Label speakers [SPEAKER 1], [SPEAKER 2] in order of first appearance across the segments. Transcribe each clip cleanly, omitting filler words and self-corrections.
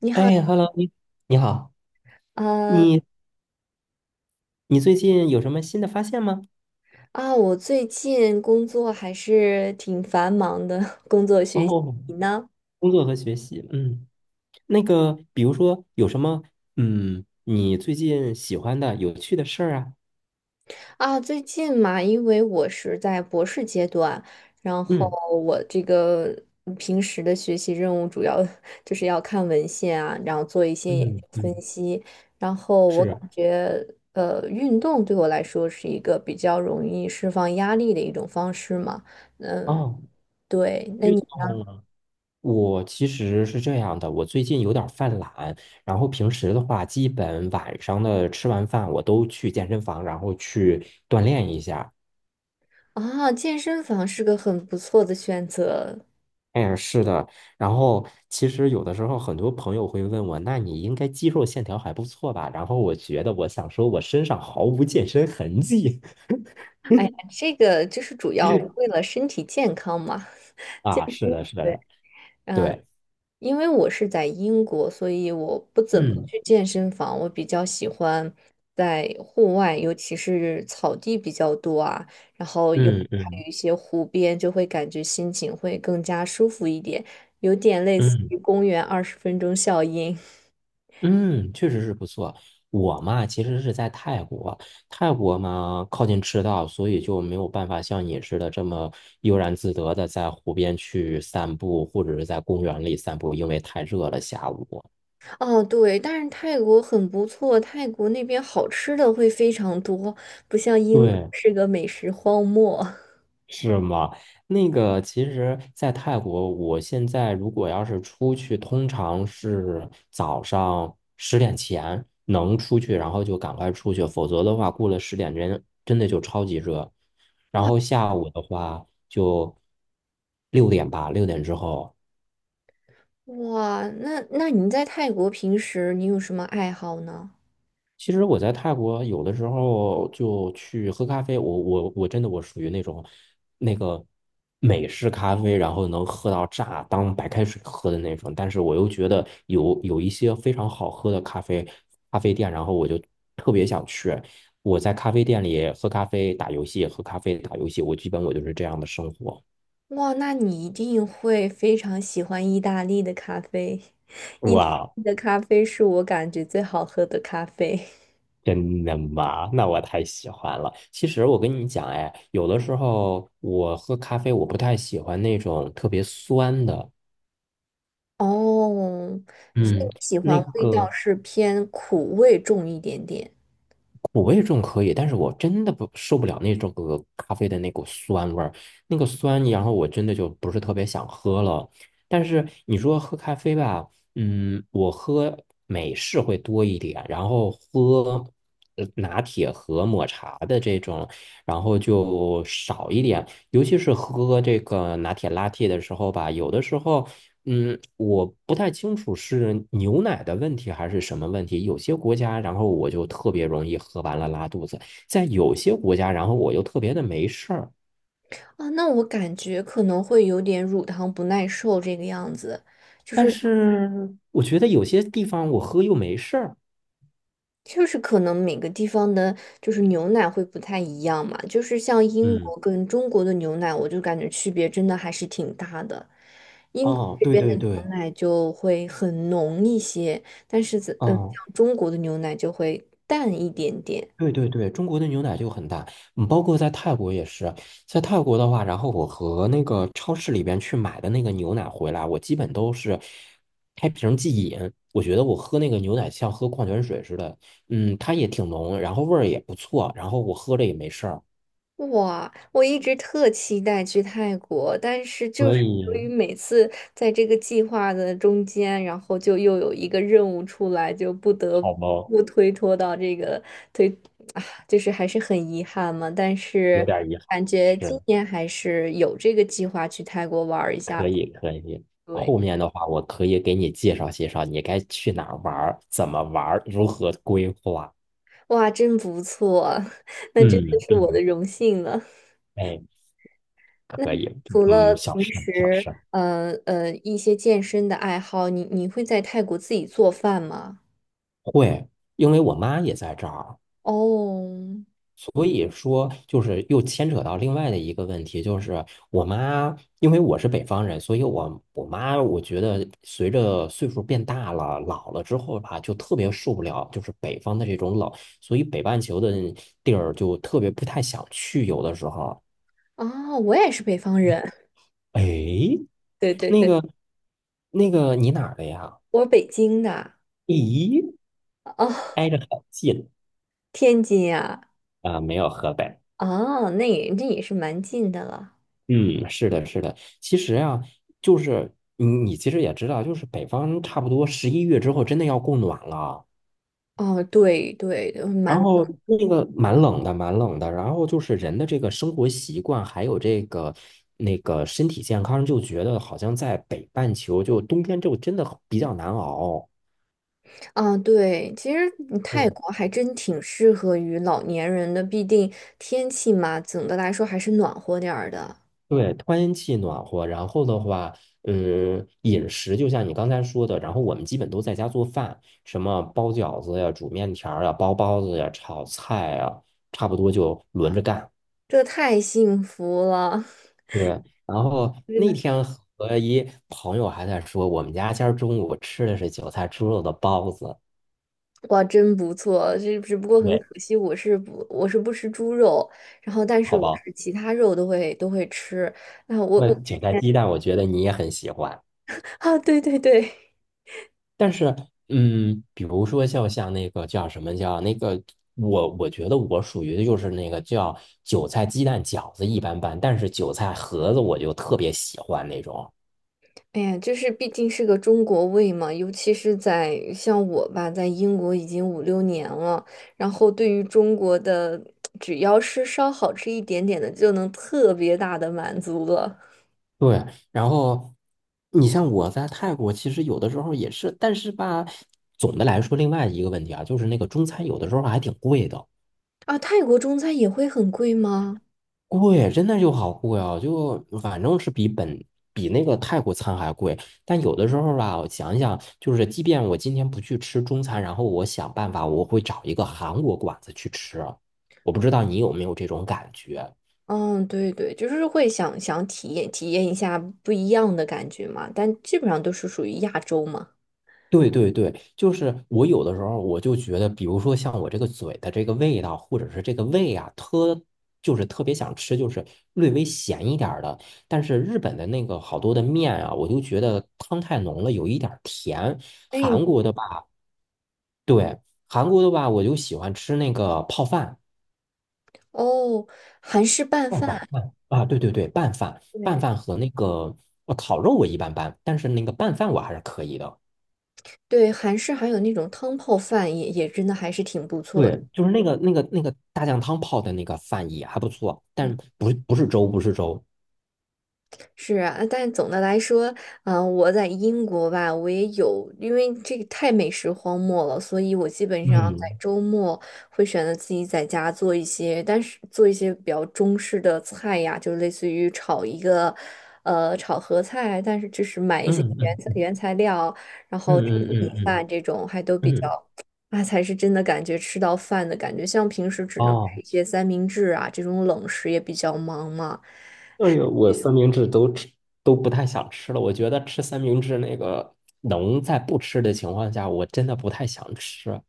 [SPEAKER 1] 你好，
[SPEAKER 2] 哎，Hello，你好，
[SPEAKER 1] 呃
[SPEAKER 2] 你你最近有什么新的发现吗？
[SPEAKER 1] 啊，我最近工作还是挺繁忙的，工作学习。
[SPEAKER 2] 哦，
[SPEAKER 1] 你呢？
[SPEAKER 2] 工作和学习，嗯，那个，比如说有什么，嗯，你最近喜欢的、有趣的事儿啊？
[SPEAKER 1] 啊，最近嘛，因为我是在博士阶段，然后
[SPEAKER 2] 嗯
[SPEAKER 1] 我这个平时的学习任务主要 就是要看文献啊，然后做一些研究
[SPEAKER 2] 嗯
[SPEAKER 1] 分
[SPEAKER 2] 嗯，
[SPEAKER 1] 析，然后我感
[SPEAKER 2] 是。
[SPEAKER 1] 觉。运动对我来说是一个比较容易释放压力的一种方式嘛。嗯，
[SPEAKER 2] 哦，
[SPEAKER 1] 对，那
[SPEAKER 2] 运
[SPEAKER 1] 你？
[SPEAKER 2] 动啊，我其实是这样的，我最近有点儿犯懒，然后平时的话，基本晚上的吃完饭，我都去健身房，然后去锻炼一下。
[SPEAKER 1] 啊，健身房是个很不错的选择。
[SPEAKER 2] 哎，是的，然后其实有的时候很多朋友会问我，那你应该肌肉线条还不错吧？然后我觉得我想说，我身上毫无健身痕迹。
[SPEAKER 1] 哎呀，这个就是主要为 了身体健康嘛，健
[SPEAKER 2] 啊，
[SPEAKER 1] 身。
[SPEAKER 2] 是的，是
[SPEAKER 1] 对，
[SPEAKER 2] 的，对，
[SPEAKER 1] 因为我是在英国，所以我不怎么
[SPEAKER 2] 嗯
[SPEAKER 1] 去健身房，我比较喜欢在户外，尤其是草地比较多啊，然后
[SPEAKER 2] 嗯
[SPEAKER 1] 还有
[SPEAKER 2] 嗯
[SPEAKER 1] 一些湖边，就会感觉心情会更加舒服一点，有点类似
[SPEAKER 2] 嗯
[SPEAKER 1] 于公园20分钟效应。
[SPEAKER 2] 嗯，确实是不错。我嘛，其实是在泰国，泰国嘛靠近赤道，所以就没有办法像你似的这么悠然自得的在湖边去散步，或者是在公园里散步，因为太热了，下午。
[SPEAKER 1] 哦，对，但是泰国很不错，泰国那边好吃的会非常多，不像英国
[SPEAKER 2] 对，
[SPEAKER 1] 是个美食荒漠。
[SPEAKER 2] 是吗？那个，其实，在泰国，我现在如果要是出去，通常是早上十点前能出去，然后就赶快出去，否则的话，过了十点真的就超级热。然
[SPEAKER 1] 哇，
[SPEAKER 2] 后下午的话，就六点吧，六点之后。
[SPEAKER 1] 那你在泰国平时你有什么爱好呢？
[SPEAKER 2] 其实我在泰国有的时候就去喝咖啡，我真的，我属于那种，那个美式咖啡，然后能喝到炸，当白开水喝的那种。但是我又觉得有一些非常好喝的咖啡店，然后我就特别想去。我在咖啡店里喝咖啡、打游戏，喝咖啡、打游戏，我基本我就是这样的生活。
[SPEAKER 1] 哇，那你一定会非常喜欢意大利的咖啡，意大
[SPEAKER 2] 哇，
[SPEAKER 1] 利的咖啡是我感觉最好喝的咖啡。
[SPEAKER 2] 真的吗？那我太喜欢了。其实我跟你讲，哎，有的时候我喝咖啡，我不太喜欢那种特别酸的。
[SPEAKER 1] 哦，所以
[SPEAKER 2] 嗯，
[SPEAKER 1] 你喜欢
[SPEAKER 2] 那
[SPEAKER 1] 味道
[SPEAKER 2] 个
[SPEAKER 1] 是偏苦味重一点点。
[SPEAKER 2] 苦味种可以，但是我真的不受不了那种个咖啡的那股酸味儿，那个酸，然后我真的就不是特别想喝了。但是你说喝咖啡吧，嗯，我喝美式会多一点，然后喝拿铁和抹茶的这种，然后就少一点。尤其是喝这个拿铁拉 a 的时候吧，有的时候嗯，我不太清楚是牛奶的问题还是什么问题。有些国家，然后我就特别容易喝完了拉肚子；在有些国家，然后我又特别的没事儿。
[SPEAKER 1] 啊，那我感觉可能会有点乳糖不耐受这个样子，
[SPEAKER 2] 但是我觉得有些地方我喝又没事儿。
[SPEAKER 1] 就是可能每个地方的，就是牛奶会不太一样嘛，就是像英
[SPEAKER 2] 嗯，
[SPEAKER 1] 国跟中国的牛奶，我就感觉区别真的还是挺大的。英国
[SPEAKER 2] 哦，
[SPEAKER 1] 这
[SPEAKER 2] 对
[SPEAKER 1] 边的
[SPEAKER 2] 对
[SPEAKER 1] 牛
[SPEAKER 2] 对，
[SPEAKER 1] 奶就会很浓一些，但是在
[SPEAKER 2] 哦。
[SPEAKER 1] 像中国的牛奶就会淡一点点。
[SPEAKER 2] 对对对，中国的牛奶就很大，嗯，包括在泰国也是，在泰国的话，然后我和那个超市里边去买的那个牛奶回来，我基本都是开瓶即饮。我觉得我喝那个牛奶像喝矿泉水似的，嗯，它也挺浓，然后味儿也不错，然后我喝着也没事儿。
[SPEAKER 1] 哇，我一直特期待去泰国，但是就
[SPEAKER 2] 所
[SPEAKER 1] 是
[SPEAKER 2] 以，
[SPEAKER 1] 由于每次在这个计划的中间，然后就又有一个任务出来，就不得
[SPEAKER 2] 好吗？
[SPEAKER 1] 不推脱到这个推，啊，就是还是很遗憾嘛。但
[SPEAKER 2] 有
[SPEAKER 1] 是
[SPEAKER 2] 点遗憾，
[SPEAKER 1] 感觉今
[SPEAKER 2] 是
[SPEAKER 1] 年还是有这个计划去泰国玩儿一下。
[SPEAKER 2] 可以可以。
[SPEAKER 1] 对，
[SPEAKER 2] 后面的话，我可以给你介绍介绍，你该去哪儿玩儿，怎么玩儿，如何规划。
[SPEAKER 1] 哇，真不错，那真的
[SPEAKER 2] 嗯嗯。
[SPEAKER 1] 是我的
[SPEAKER 2] 嗯，
[SPEAKER 1] 荣幸了。
[SPEAKER 2] 哎，
[SPEAKER 1] 那
[SPEAKER 2] 可
[SPEAKER 1] 你
[SPEAKER 2] 以，
[SPEAKER 1] 除了
[SPEAKER 2] 嗯，小
[SPEAKER 1] 平
[SPEAKER 2] 事小
[SPEAKER 1] 时
[SPEAKER 2] 事。
[SPEAKER 1] 一些健身的爱好，你会在泰国自己做饭吗？
[SPEAKER 2] 对，因为我妈也在这儿，
[SPEAKER 1] 哦，
[SPEAKER 2] 所以说就是又牵扯到另外的一个问题，就是我妈，因为我是北方人，所以我妈，我觉得随着岁数变大了，老了之后吧，就特别受不了，就是北方的这种冷，所以北半球的地儿就特别不太想去，有的时候。
[SPEAKER 1] 啊，我也是北方人，
[SPEAKER 2] 哎，
[SPEAKER 1] 对对
[SPEAKER 2] 那
[SPEAKER 1] 对，
[SPEAKER 2] 个那个，你哪儿的呀？
[SPEAKER 1] 我是北京的，
[SPEAKER 2] 咦，
[SPEAKER 1] 哦，
[SPEAKER 2] 挨着很近
[SPEAKER 1] 天津呀，
[SPEAKER 2] 啊，没有河北。
[SPEAKER 1] 啊，那也是蛮近的了。
[SPEAKER 2] 嗯，是的，是的。其实啊，就是你其实也知道，就是北方差不多11月之后真的要供暖了，
[SPEAKER 1] 哦，对对，
[SPEAKER 2] 然后那个蛮冷的，蛮冷的。然后就是人的这个生活习惯，还有这个那个身体健康，就觉得好像在北半球就冬天就真的比较难熬。
[SPEAKER 1] 啊，对，其实泰
[SPEAKER 2] 对。
[SPEAKER 1] 国还真挺适合于老年人的，毕竟天气嘛，总的来说还是暖和点儿的，
[SPEAKER 2] 对，天气暖和，然后的话，嗯，饮食就像你刚才说的，然后我们基本都在家做饭，什么包饺子呀、煮面条儿呀、包包子呀、炒菜呀，差不多就轮着干。
[SPEAKER 1] 这太幸福了，
[SPEAKER 2] 对，然后
[SPEAKER 1] 真
[SPEAKER 2] 那
[SPEAKER 1] 的。
[SPEAKER 2] 天和一朋友还在说，我们家今儿中午吃的是韭菜猪肉的包子，
[SPEAKER 1] 哇，真不错，这只不过很
[SPEAKER 2] 对，
[SPEAKER 1] 可惜，我是不吃猪肉，然后但是
[SPEAKER 2] 好
[SPEAKER 1] 我
[SPEAKER 2] 包，
[SPEAKER 1] 是其他肉都会吃。啊，我
[SPEAKER 2] 那
[SPEAKER 1] 我
[SPEAKER 2] 韭菜鸡蛋，我觉得你也很喜欢。
[SPEAKER 1] 啊，对对对，
[SPEAKER 2] 但是，嗯，比如说像那个叫什么叫那个，我觉得我属于的就是那个叫韭菜鸡蛋饺子一般般，但是韭菜盒子我就特别喜欢那种。
[SPEAKER 1] 哎呀，就是毕竟是个中国胃嘛，尤其是在像我吧，在英国已经五六年了，然后对于中国的，只要是稍好吃一点点的，就能特别大的满足了。
[SPEAKER 2] 对，然后你像我在泰国，其实有的时候也是，但是吧，总的来说，另外一个问题啊，就是那个中餐有的时候还挺贵的。
[SPEAKER 1] 啊，泰国中餐也会很贵吗？
[SPEAKER 2] 贵，真的就好贵哦，就反正是比那个泰国餐还贵。但有的时候吧，我想一想，就是即便我今天不去吃中餐，然后我想办法，我会找一个韩国馆子去吃啊。我不知道你有没有这种感觉。
[SPEAKER 1] 嗯，对对，就是会想想体验体验一下不一样的感觉嘛，但基本上都是属于亚洲嘛。
[SPEAKER 2] 对对对，就是我有的时候我就觉得，比如说像我这个嘴的这个味道，或者是这个胃啊，就是特别想吃，就是略微咸一点儿的。但是日本的那个好多的面啊，我就觉得汤太浓了，有一点儿甜。
[SPEAKER 1] 哎，
[SPEAKER 2] 韩国的吧，对，韩国的吧，我就喜欢吃那个泡饭，
[SPEAKER 1] 哦，韩式拌
[SPEAKER 2] 拌饭
[SPEAKER 1] 饭，
[SPEAKER 2] 拌啊，对对对，拌饭拌
[SPEAKER 1] 对
[SPEAKER 2] 饭和那个烤肉我一般般，但是那个拌饭我还是可以的。
[SPEAKER 1] 对，韩式还有那种汤泡饭也真的还是挺不错的。
[SPEAKER 2] 对，就是那个大酱汤泡的那个饭也还不错，但不是粥，不是粥。
[SPEAKER 1] 是啊，但总的来说，我在英国吧，我也有，因为这个太美食荒漠了，所以我基本上在
[SPEAKER 2] 嗯
[SPEAKER 1] 周末会选择自己在家做一些，但是做一些比较中式的菜呀，就类似于炒一个，炒合菜，但是就是买一些
[SPEAKER 2] 嗯
[SPEAKER 1] 原
[SPEAKER 2] 嗯
[SPEAKER 1] 材
[SPEAKER 2] 嗯
[SPEAKER 1] 原材料，然
[SPEAKER 2] 嗯
[SPEAKER 1] 后吃米饭
[SPEAKER 2] 嗯
[SPEAKER 1] 这种还都
[SPEAKER 2] 嗯
[SPEAKER 1] 比
[SPEAKER 2] 嗯。
[SPEAKER 1] 较。那才是真的感觉吃到饭的感觉，像平时只能吃
[SPEAKER 2] 哦，
[SPEAKER 1] 一些三明治啊，这种冷食也比较忙嘛。
[SPEAKER 2] 对，我三明治都吃都不太想吃了。我觉得吃三明治那个能在不吃的情况下，我真的不太想吃。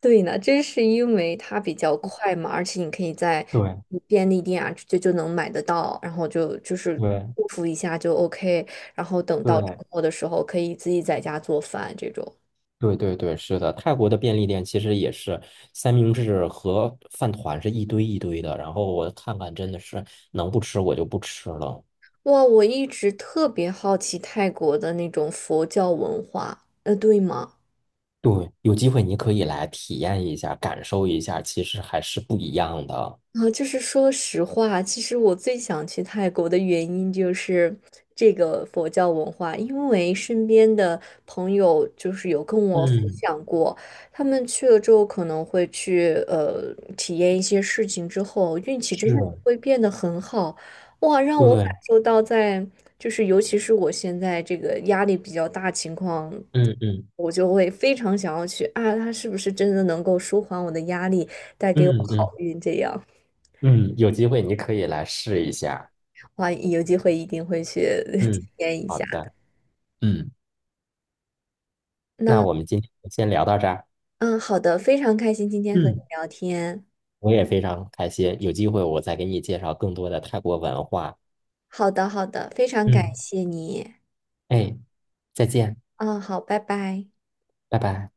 [SPEAKER 1] 对呢，这是因为它比较快嘛，而且你可以在
[SPEAKER 2] 对
[SPEAKER 1] 便利店啊就能买得到，然后就是
[SPEAKER 2] 对
[SPEAKER 1] 祝福一下就 OK,然后等到周
[SPEAKER 2] 对
[SPEAKER 1] 末的时候可以自己在家做饭这种。
[SPEAKER 2] 对对对，是的，泰国的便利店其实也是三明治和饭团是一堆一堆的，然后我看看真的是能不吃我就不吃了。
[SPEAKER 1] 哇，我一直特别好奇泰国的那种佛教文化，对吗？
[SPEAKER 2] 对，有机会你可以来体验一下，感受一下，其实还是不一样的。
[SPEAKER 1] 啊，就是说实话，其实我最想去泰国的原因就是这个佛教文化，因为身边的朋友就是有跟我分
[SPEAKER 2] 嗯，
[SPEAKER 1] 享过，他们去了之后可能会去体验一些事情之后，运气真的
[SPEAKER 2] 是，
[SPEAKER 1] 会变得很好，哇，让我感
[SPEAKER 2] 对，
[SPEAKER 1] 受到在就是尤其是我现在这个压力比较大情况。
[SPEAKER 2] 嗯嗯
[SPEAKER 1] 我就会非常想要去啊，他是不是真的能够舒缓我的压力，带给我
[SPEAKER 2] 嗯
[SPEAKER 1] 好
[SPEAKER 2] 嗯
[SPEAKER 1] 运这样。
[SPEAKER 2] 嗯，有机会你可以来试一下。
[SPEAKER 1] 哇，有机会一定会去 体
[SPEAKER 2] 嗯，
[SPEAKER 1] 验一
[SPEAKER 2] 好
[SPEAKER 1] 下。
[SPEAKER 2] 的，嗯，那
[SPEAKER 1] 那
[SPEAKER 2] 我们今天就先聊到这儿。
[SPEAKER 1] 嗯，好的，非常开心今天和你
[SPEAKER 2] 嗯，
[SPEAKER 1] 聊天。
[SPEAKER 2] 我也非常开心，有机会我再给你介绍更多的泰国文化。
[SPEAKER 1] 好的，好的，非常感
[SPEAKER 2] 嗯，
[SPEAKER 1] 谢你。
[SPEAKER 2] 哎，再见，
[SPEAKER 1] 嗯，好，拜拜。
[SPEAKER 2] 拜拜。